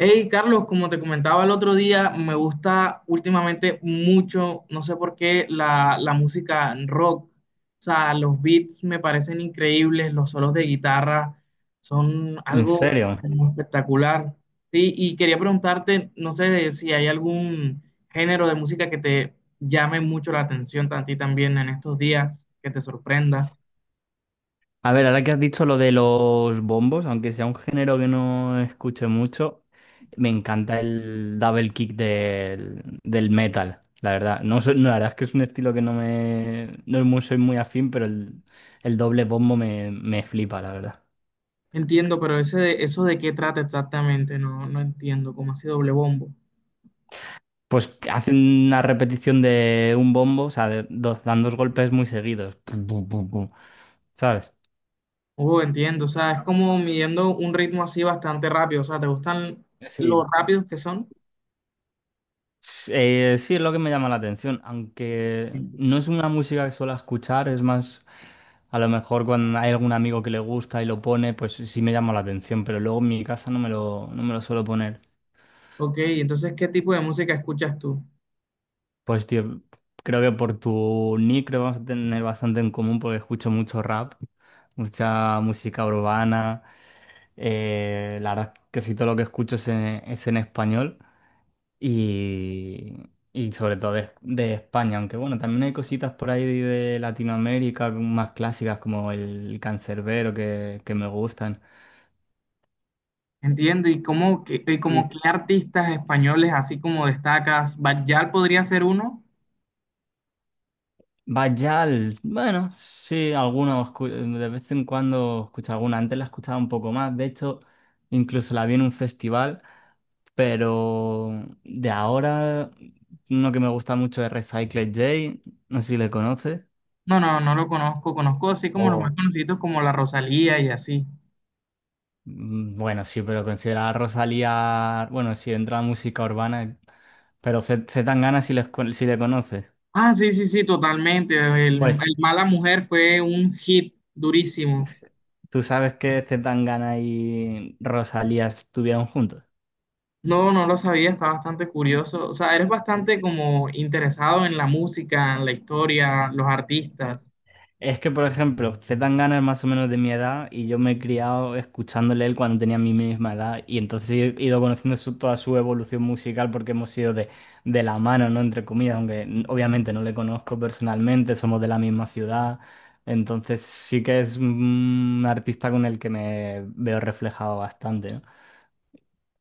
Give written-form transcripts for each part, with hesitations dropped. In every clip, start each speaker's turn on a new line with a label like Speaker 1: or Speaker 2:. Speaker 1: Hey, Carlos, como te comentaba el otro día, me gusta últimamente mucho, no sé por qué, la música rock. O sea, los beats me parecen increíbles, los solos de guitarra son
Speaker 2: En
Speaker 1: algo
Speaker 2: serio.
Speaker 1: espectacular. Sí, y quería preguntarte, no sé si hay algún género de música que te llame mucho la atención a ti también en estos días, que te sorprenda.
Speaker 2: A ver, ahora que has dicho lo de los bombos, aunque sea un género que no escuche mucho, me encanta el double kick del metal, la verdad. No, no, la verdad es que es un estilo que no me no es soy muy afín, pero el doble bombo me flipa, la verdad.
Speaker 1: Entiendo, pero eso de qué trata exactamente, no entiendo, cómo así doble bombo.
Speaker 2: Pues que hacen una repetición de un bombo, o sea, dan dos golpes muy seguidos. Pum, pum, pum, pum, ¿sabes?
Speaker 1: Oh, entiendo, o sea, es como midiendo un ritmo así bastante rápido, o sea, ¿te gustan los
Speaker 2: Sí.
Speaker 1: rápidos que son?
Speaker 2: Sí, es lo que me llama la atención, aunque
Speaker 1: Sí.
Speaker 2: no es una música que suelo escuchar, es más, a lo mejor cuando hay algún amigo que le gusta y lo pone, pues sí me llama la atención, pero luego en mi casa no me lo suelo poner.
Speaker 1: Ok, entonces, ¿qué tipo de música escuchas tú?
Speaker 2: Pues tío, creo que por tu nick creo que vamos a tener bastante en común porque escucho mucho rap, mucha música urbana, la verdad es que casi todo lo que escucho es en español. Y, y sobre todo de España, aunque bueno, también hay cositas por ahí de Latinoamérica más clásicas como el cancerbero que me gustan.
Speaker 1: Entiendo, y
Speaker 2: Y
Speaker 1: como qué artistas españoles así como destacas, ¿Bayal podría ser uno?
Speaker 2: Bayal, bueno, sí, algunos de vez en cuando escucho alguna, antes la escuchaba un poco más, de hecho, incluso la vi en un festival, pero de ahora uno que me gusta mucho es Recycled J, no sé si le conoces.
Speaker 1: No, no, no lo conozco, conozco así como los más conocidos como la Rosalía y así.
Speaker 2: Bueno, sí, pero considerar a Rosalía, bueno, sí, entra música urbana, pero Z Tangana si le conoces.
Speaker 1: Ah, sí, sí, sí, totalmente, el,
Speaker 2: Pues,
Speaker 1: el Mala Mujer fue un hit durísimo.
Speaker 2: ¿tú sabes que Z Tangana y Rosalía estuvieron juntos?
Speaker 1: No, no lo sabía, está bastante curioso. O sea, eres
Speaker 2: Eh,
Speaker 1: bastante como interesado en la música, en la historia, los artistas.
Speaker 2: Es que, por ejemplo, Zetangana es más o menos de mi edad y yo me he criado escuchándole él cuando tenía mi misma edad y entonces he ido conociendo toda su evolución musical porque hemos sido de la mano, ¿no? Entre comillas, aunque obviamente no le conozco personalmente, somos de la misma ciudad, entonces sí que es un artista con el que me veo reflejado bastante, ¿no?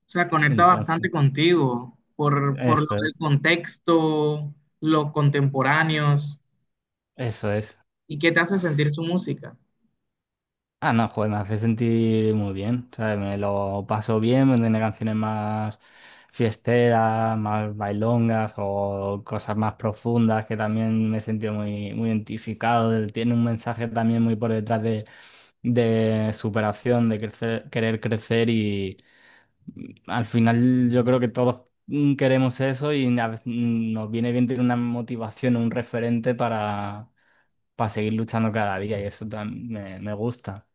Speaker 1: O sea, conecta
Speaker 2: Entonces,
Speaker 1: bastante contigo por lo
Speaker 2: eso
Speaker 1: del
Speaker 2: es,
Speaker 1: contexto, los contemporáneos
Speaker 2: eso es.
Speaker 1: y qué te hace sentir su música.
Speaker 2: Ah, no, joder, me hace sentir muy bien, ¿sabes? Me lo paso bien, me tiene canciones más fiesteras, más bailongas o cosas más profundas que también me he sentido muy, muy identificado. Él tiene un mensaje también muy por detrás de superación, de crecer, querer crecer y al final yo creo que todos queremos eso y nos viene bien tener una motivación, un referente para seguir luchando cada día y eso me gusta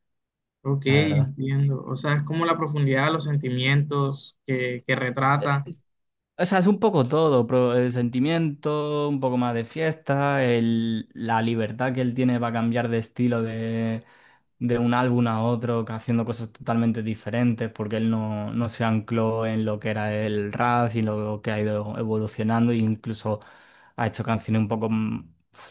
Speaker 1: Ok,
Speaker 2: la verdad.
Speaker 1: entiendo. O sea, es como la profundidad de los sentimientos que retrata.
Speaker 2: Es- O sea, es un poco todo, pero el sentimiento, un poco más de fiesta, la libertad que él tiene para cambiar de estilo de un álbum a otro, que haciendo cosas totalmente diferentes, porque él no se ancló en lo que era el rap, sino lo que ha ido evolucionando, e incluso ha hecho canciones un poco,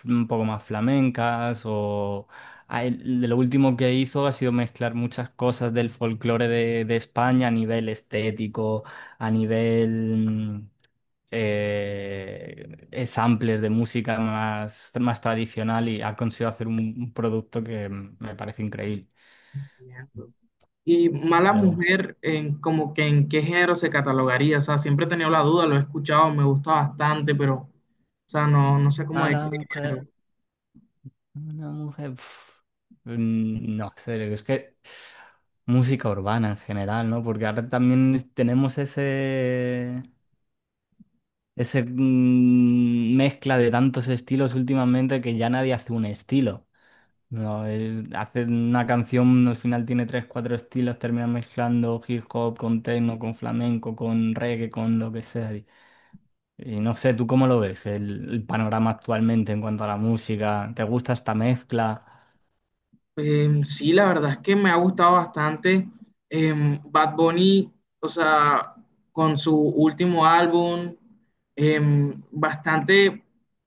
Speaker 2: un poco más flamencas, o de lo último que hizo ha sido mezclar muchas cosas del folclore de España a nivel estético a nivel samplers de música más tradicional y ha conseguido hacer un producto que me parece increíble.
Speaker 1: Entiendo. Y mala
Speaker 2: Pero
Speaker 1: mujer, en, como que en qué género se catalogaría, o sea, siempre he tenido la duda, lo he escuchado, me gusta bastante, pero, o sea, no sé cómo
Speaker 2: a
Speaker 1: de qué
Speaker 2: la mujer,
Speaker 1: género.
Speaker 2: a la mujer, no sé, es que música urbana en general, ¿no? Porque ahora también tenemos ese... Ese mezcla de tantos estilos últimamente que ya nadie hace un estilo. No, hace una canción, al final tiene tres, cuatro estilos, termina mezclando hip hop con techno, con flamenco, con reggae, con lo que sea. Y no sé, ¿tú cómo lo ves el panorama actualmente en cuanto a la música? ¿Te gusta esta mezcla?
Speaker 1: Sí, la verdad es que me ha gustado bastante Bad Bunny, o sea, con su último álbum, bastante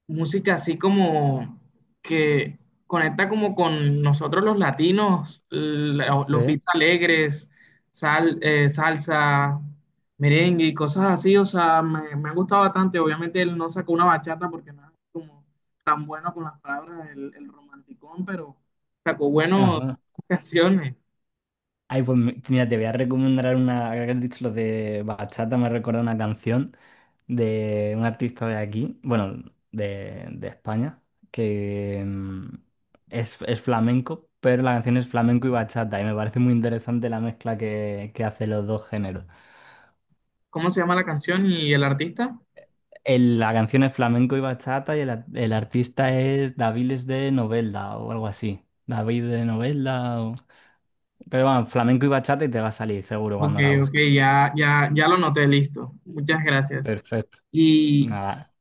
Speaker 1: música así como que conecta como con nosotros los latinos, los
Speaker 2: Sí.
Speaker 1: beats alegres, salsa, merengue y cosas así, o sea, me ha gustado bastante. Obviamente él no sacó una bachata porque no es como tan bueno con las palabras, el romanticón, pero... Sacó bueno
Speaker 2: Ajá.
Speaker 1: canciones.
Speaker 2: Ay, pues mira, te voy a recomendar una, ahora que has dicho lo de bachata, me recuerda una canción de un artista de aquí, bueno, de España, que es flamenco, pero la canción es flamenco y bachata, y me parece muy interesante la mezcla que hace los dos géneros.
Speaker 1: ¿Cómo se llama la canción y el artista?
Speaker 2: La canción es flamenco y bachata, y el artista es Daviles de Novelda o algo así. David de Novelda, pero bueno, flamenco y bachata y te va a salir seguro
Speaker 1: Ok,
Speaker 2: cuando la
Speaker 1: ok,
Speaker 2: busques.
Speaker 1: ya lo noté, listo. Muchas gracias.
Speaker 2: Perfecto.
Speaker 1: Y,
Speaker 2: Nada.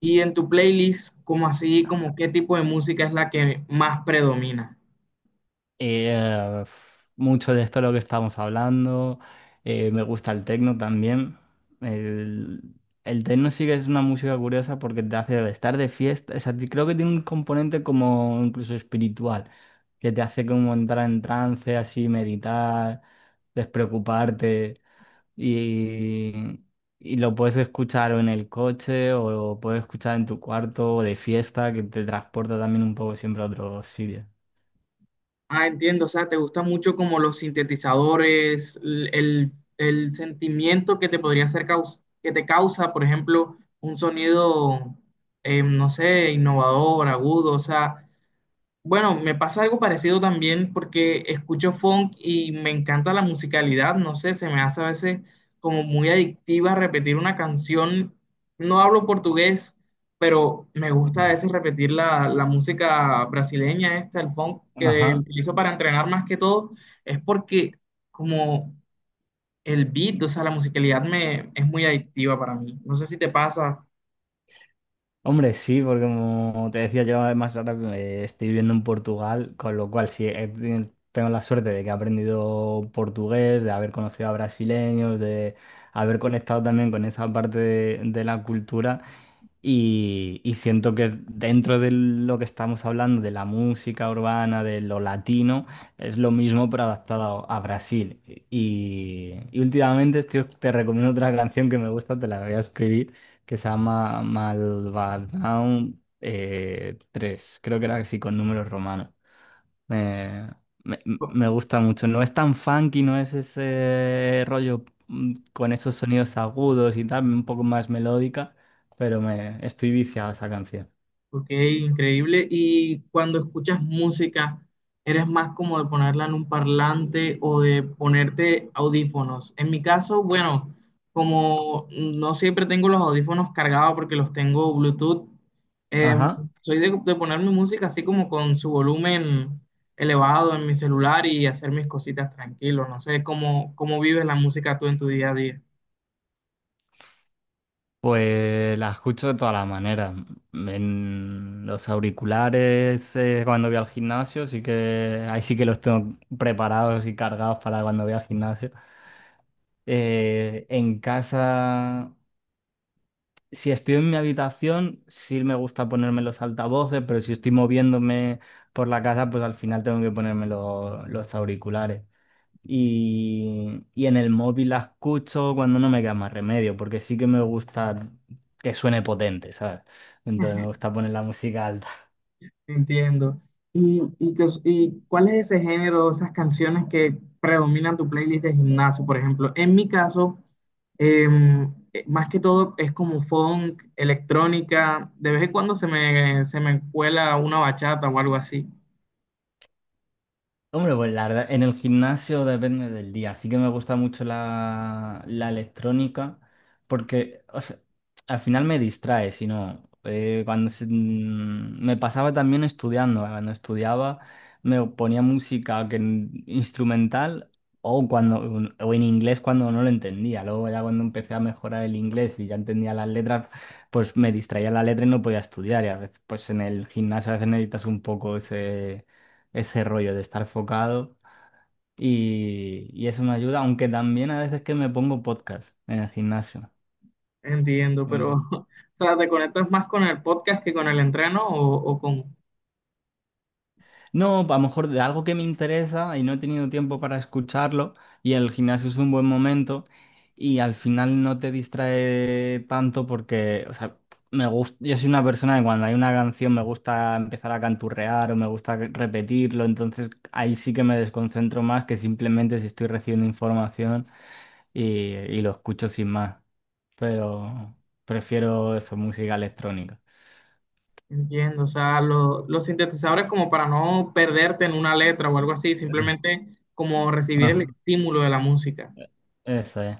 Speaker 1: y en tu playlist, ¿cómo así, como qué tipo de música es la que más predomina?
Speaker 2: Eh, mucho de esto es lo que estamos hablando. Me gusta el techno también. El, el techno sí que es una música curiosa porque te hace estar de fiesta. O sea, creo que tiene un componente como incluso espiritual, que te hace como entrar en trance, así meditar, despreocuparte. Y, y lo puedes escuchar o en el coche o lo puedes escuchar en tu cuarto o de fiesta, que te transporta también un poco siempre a otros sitios.
Speaker 1: Ah, entiendo, o sea, te gusta mucho como los sintetizadores, el sentimiento que te podría hacer que te causa, por ejemplo, un sonido, no sé, innovador, agudo, o sea, Bueno, me pasa algo parecido también porque escucho funk y me encanta la musicalidad, no sé, se me hace a veces como muy adictiva repetir una canción. No hablo portugués, pero me gusta a
Speaker 2: Ujú.
Speaker 1: veces repetir la música brasileña esta, el funk que
Speaker 2: Ajá.
Speaker 1: utilizo para entrenar más que todo, es porque como el beat, o sea, la musicalidad es muy adictiva para mí. No sé si te pasa.
Speaker 2: Hombre, sí, porque como te decía yo, además ahora estoy viviendo en Portugal, con lo cual sí, tengo la suerte de que he aprendido portugués, de haber conocido a brasileños, de haber conectado también con esa parte de la cultura y siento que dentro de lo que estamos hablando, de la música urbana, de lo latino, es lo mismo pero adaptado a Brasil. Y últimamente te recomiendo otra canción que me gusta, te la voy a escribir que se llama Malvadón 3, creo que era así con números romanos. Me, me, me gusta mucho, no es tan funky, no es ese rollo con esos sonidos agudos y tal, un poco más melódica, pero me estoy viciado a esa canción.
Speaker 1: Ok, increíble. Y cuando escuchas música, ¿eres más como de ponerla en un parlante o de ponerte audífonos? En mi caso, bueno, como no siempre tengo los audífonos cargados porque los tengo Bluetooth, em,
Speaker 2: Ajá,
Speaker 1: soy de poner mi música así como con su volumen elevado en mi celular y hacer mis cositas tranquilo. No sé cómo, cómo vives la música tú en tu día a día.
Speaker 2: pues la escucho de todas las maneras. En los auriculares, cuando voy al gimnasio, sí que ahí sí que los tengo preparados y cargados para cuando voy al gimnasio. En casa, si estoy en mi habitación, sí me gusta ponerme los altavoces, pero si estoy moviéndome por la casa, pues al final tengo que ponerme los auriculares. Y en el móvil la escucho cuando no me queda más remedio, porque sí que me gusta que suene potente, ¿sabes? Entonces me gusta poner la música alta.
Speaker 1: Entiendo. Qué cuál es ese género, esas canciones que predominan tu playlist de gimnasio, por ejemplo? En mi caso, más que todo es como funk, electrónica, de vez en cuando se me cuela una bachata o algo así.
Speaker 2: Hombre, pues la verdad, en el gimnasio depende del día. Sí que me gusta mucho la electrónica porque o sea, al final me distrae, si no, cuando me pasaba también estudiando, cuando estudiaba me ponía música que, instrumental o, o en inglés cuando no lo entendía. Luego ya cuando empecé a mejorar el inglés y ya entendía las letras, pues me distraía la letra y no podía estudiar. Y a veces pues en el gimnasio a veces necesitas un poco ese rollo de estar focado y eso me ayuda, aunque también a veces que me pongo podcast en el gimnasio.
Speaker 1: Entiendo, pero
Speaker 2: Eh,
Speaker 1: o sea, ¿te conectas más con el podcast que con el entreno o con...
Speaker 2: No, a lo mejor de algo que me interesa y no he tenido tiempo para escucharlo y el gimnasio es un buen momento y al final no te distrae tanto porque, o sea, me gusta, yo soy una persona que cuando hay una canción me gusta empezar a canturrear o me gusta repetirlo, entonces ahí sí que me desconcentro más que simplemente si estoy recibiendo información y, y lo escucho sin más. Pero prefiero eso, música electrónica.
Speaker 1: Entiendo, o sea, los sintetizadores como para no perderte en una letra o algo así, simplemente como recibir el
Speaker 2: Ajá,
Speaker 1: estímulo de la música.
Speaker 2: eso es.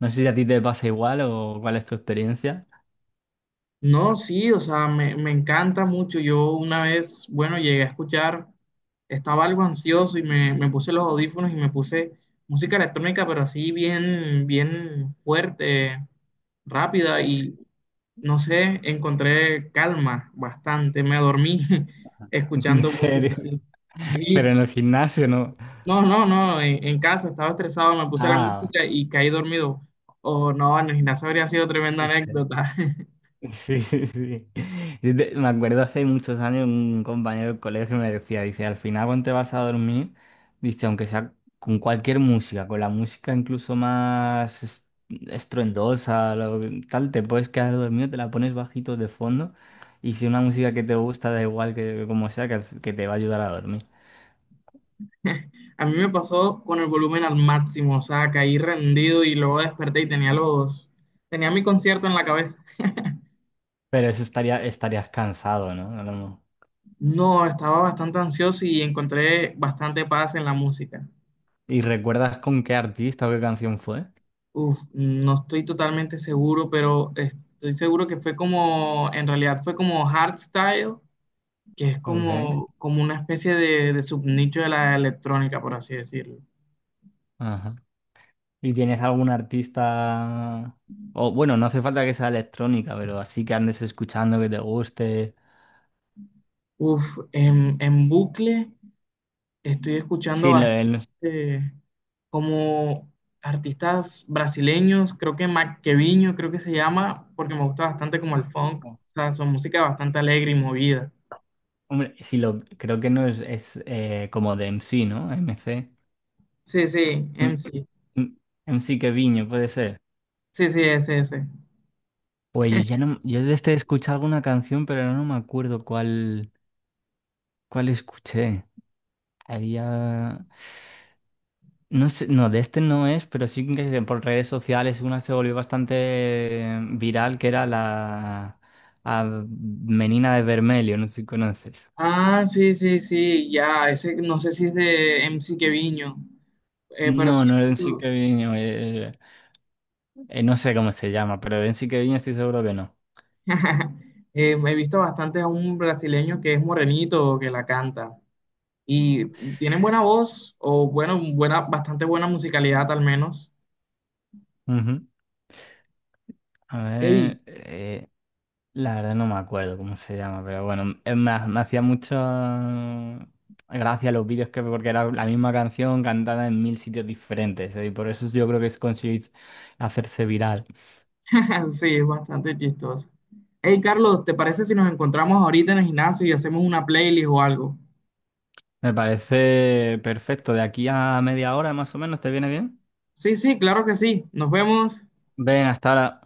Speaker 2: No sé si a ti te pasa igual o cuál es tu experiencia.
Speaker 1: No, sí, o sea, me encanta mucho. Yo una vez, bueno, llegué a escuchar, estaba algo ansioso y me puse los audífonos y me puse música electrónica, pero así bien, bien fuerte, rápida y no sé, encontré calma bastante. Me dormí
Speaker 2: En
Speaker 1: escuchando
Speaker 2: serio.
Speaker 1: música. Así.
Speaker 2: Pero
Speaker 1: Sí,
Speaker 2: en el gimnasio no.
Speaker 1: no, no, no, en casa estaba estresado, me puse la
Speaker 2: Ah.
Speaker 1: música y caí dormido. O no, en el gimnasio habría sido tremenda
Speaker 2: Vale.
Speaker 1: anécdota.
Speaker 2: Sí, sí. Sí. Me acuerdo hace muchos años un compañero del colegio me decía, dice, al final cuando te vas a dormir, dice, aunque sea con cualquier música, con la música incluso más estruendosa, tal, te puedes quedar dormido, te la pones bajito de fondo y si una música que te gusta, da igual que como sea, que te va a ayudar a dormir.
Speaker 1: A mí me pasó con el volumen al máximo, o sea, caí rendido y luego desperté y tenía tenía mi concierto en la cabeza.
Speaker 2: Pero eso estarías cansado, ¿no? A lo mejor.
Speaker 1: No, estaba bastante ansioso y encontré bastante paz en la música.
Speaker 2: ¿Y recuerdas con qué artista o qué canción fue?
Speaker 1: Uf, no estoy totalmente seguro, pero estoy seguro que fue como, en realidad fue como hardstyle, que es
Speaker 2: Ok.
Speaker 1: como, como una especie de subnicho de la electrónica, por así decirlo.
Speaker 2: Ajá. ¿Y tienes algún artista? O bueno, no hace falta que sea electrónica, pero así que andes escuchando que te guste.
Speaker 1: Uf, en bucle estoy
Speaker 2: Sí,
Speaker 1: escuchando
Speaker 2: lo- el-
Speaker 1: eh, como artistas brasileños, creo que Maquevinho, creo que se llama, porque me gusta bastante como el funk, o sea, su música es bastante alegre y movida.
Speaker 2: Hombre, sí lo creo que no es como de MC, ¿no? MC.
Speaker 1: Sí, sí,
Speaker 2: M-
Speaker 1: MC.
Speaker 2: M- MC Keviño, puede ser.
Speaker 1: Sí, sí, ese, ese.
Speaker 2: Pues yo ya no, yo desde escuché alguna canción, pero no me acuerdo cuál escuché. Había. No sé, no, de este no es, pero sí que por redes sociales una se volvió bastante viral, que era la a Menina de Vermelho, no sé si conoces.
Speaker 1: Ah, sí, sí, sí, ya, ese no sé si es de MC Quevinho, pero
Speaker 2: No,
Speaker 1: sí.
Speaker 2: no, Enrique Queviño, no sé cómo se llama, pero de Enrique Queviño estoy seguro que no.
Speaker 1: He visto bastante a un brasileño que es morenito, que la canta. Y tienen buena voz, o bueno, buena, bastante buena musicalidad al menos.
Speaker 2: Ujú. A
Speaker 1: Ey,
Speaker 2: ver, la verdad no me acuerdo cómo se llama, pero bueno, es más, me hacía mucho gracia los vídeos que porque era la misma canción cantada en mil sitios diferentes, y por eso yo creo que es conseguir hacerse viral.
Speaker 1: Sí, es bastante chistoso. Hey, Carlos, ¿te parece si nos encontramos ahorita en el gimnasio y hacemos una playlist o algo?
Speaker 2: Me parece perfecto. De aquí a media hora más o menos, ¿te viene bien?
Speaker 1: Sí, sí, claro que sí. Nos vemos.
Speaker 2: Ven, hasta ahora.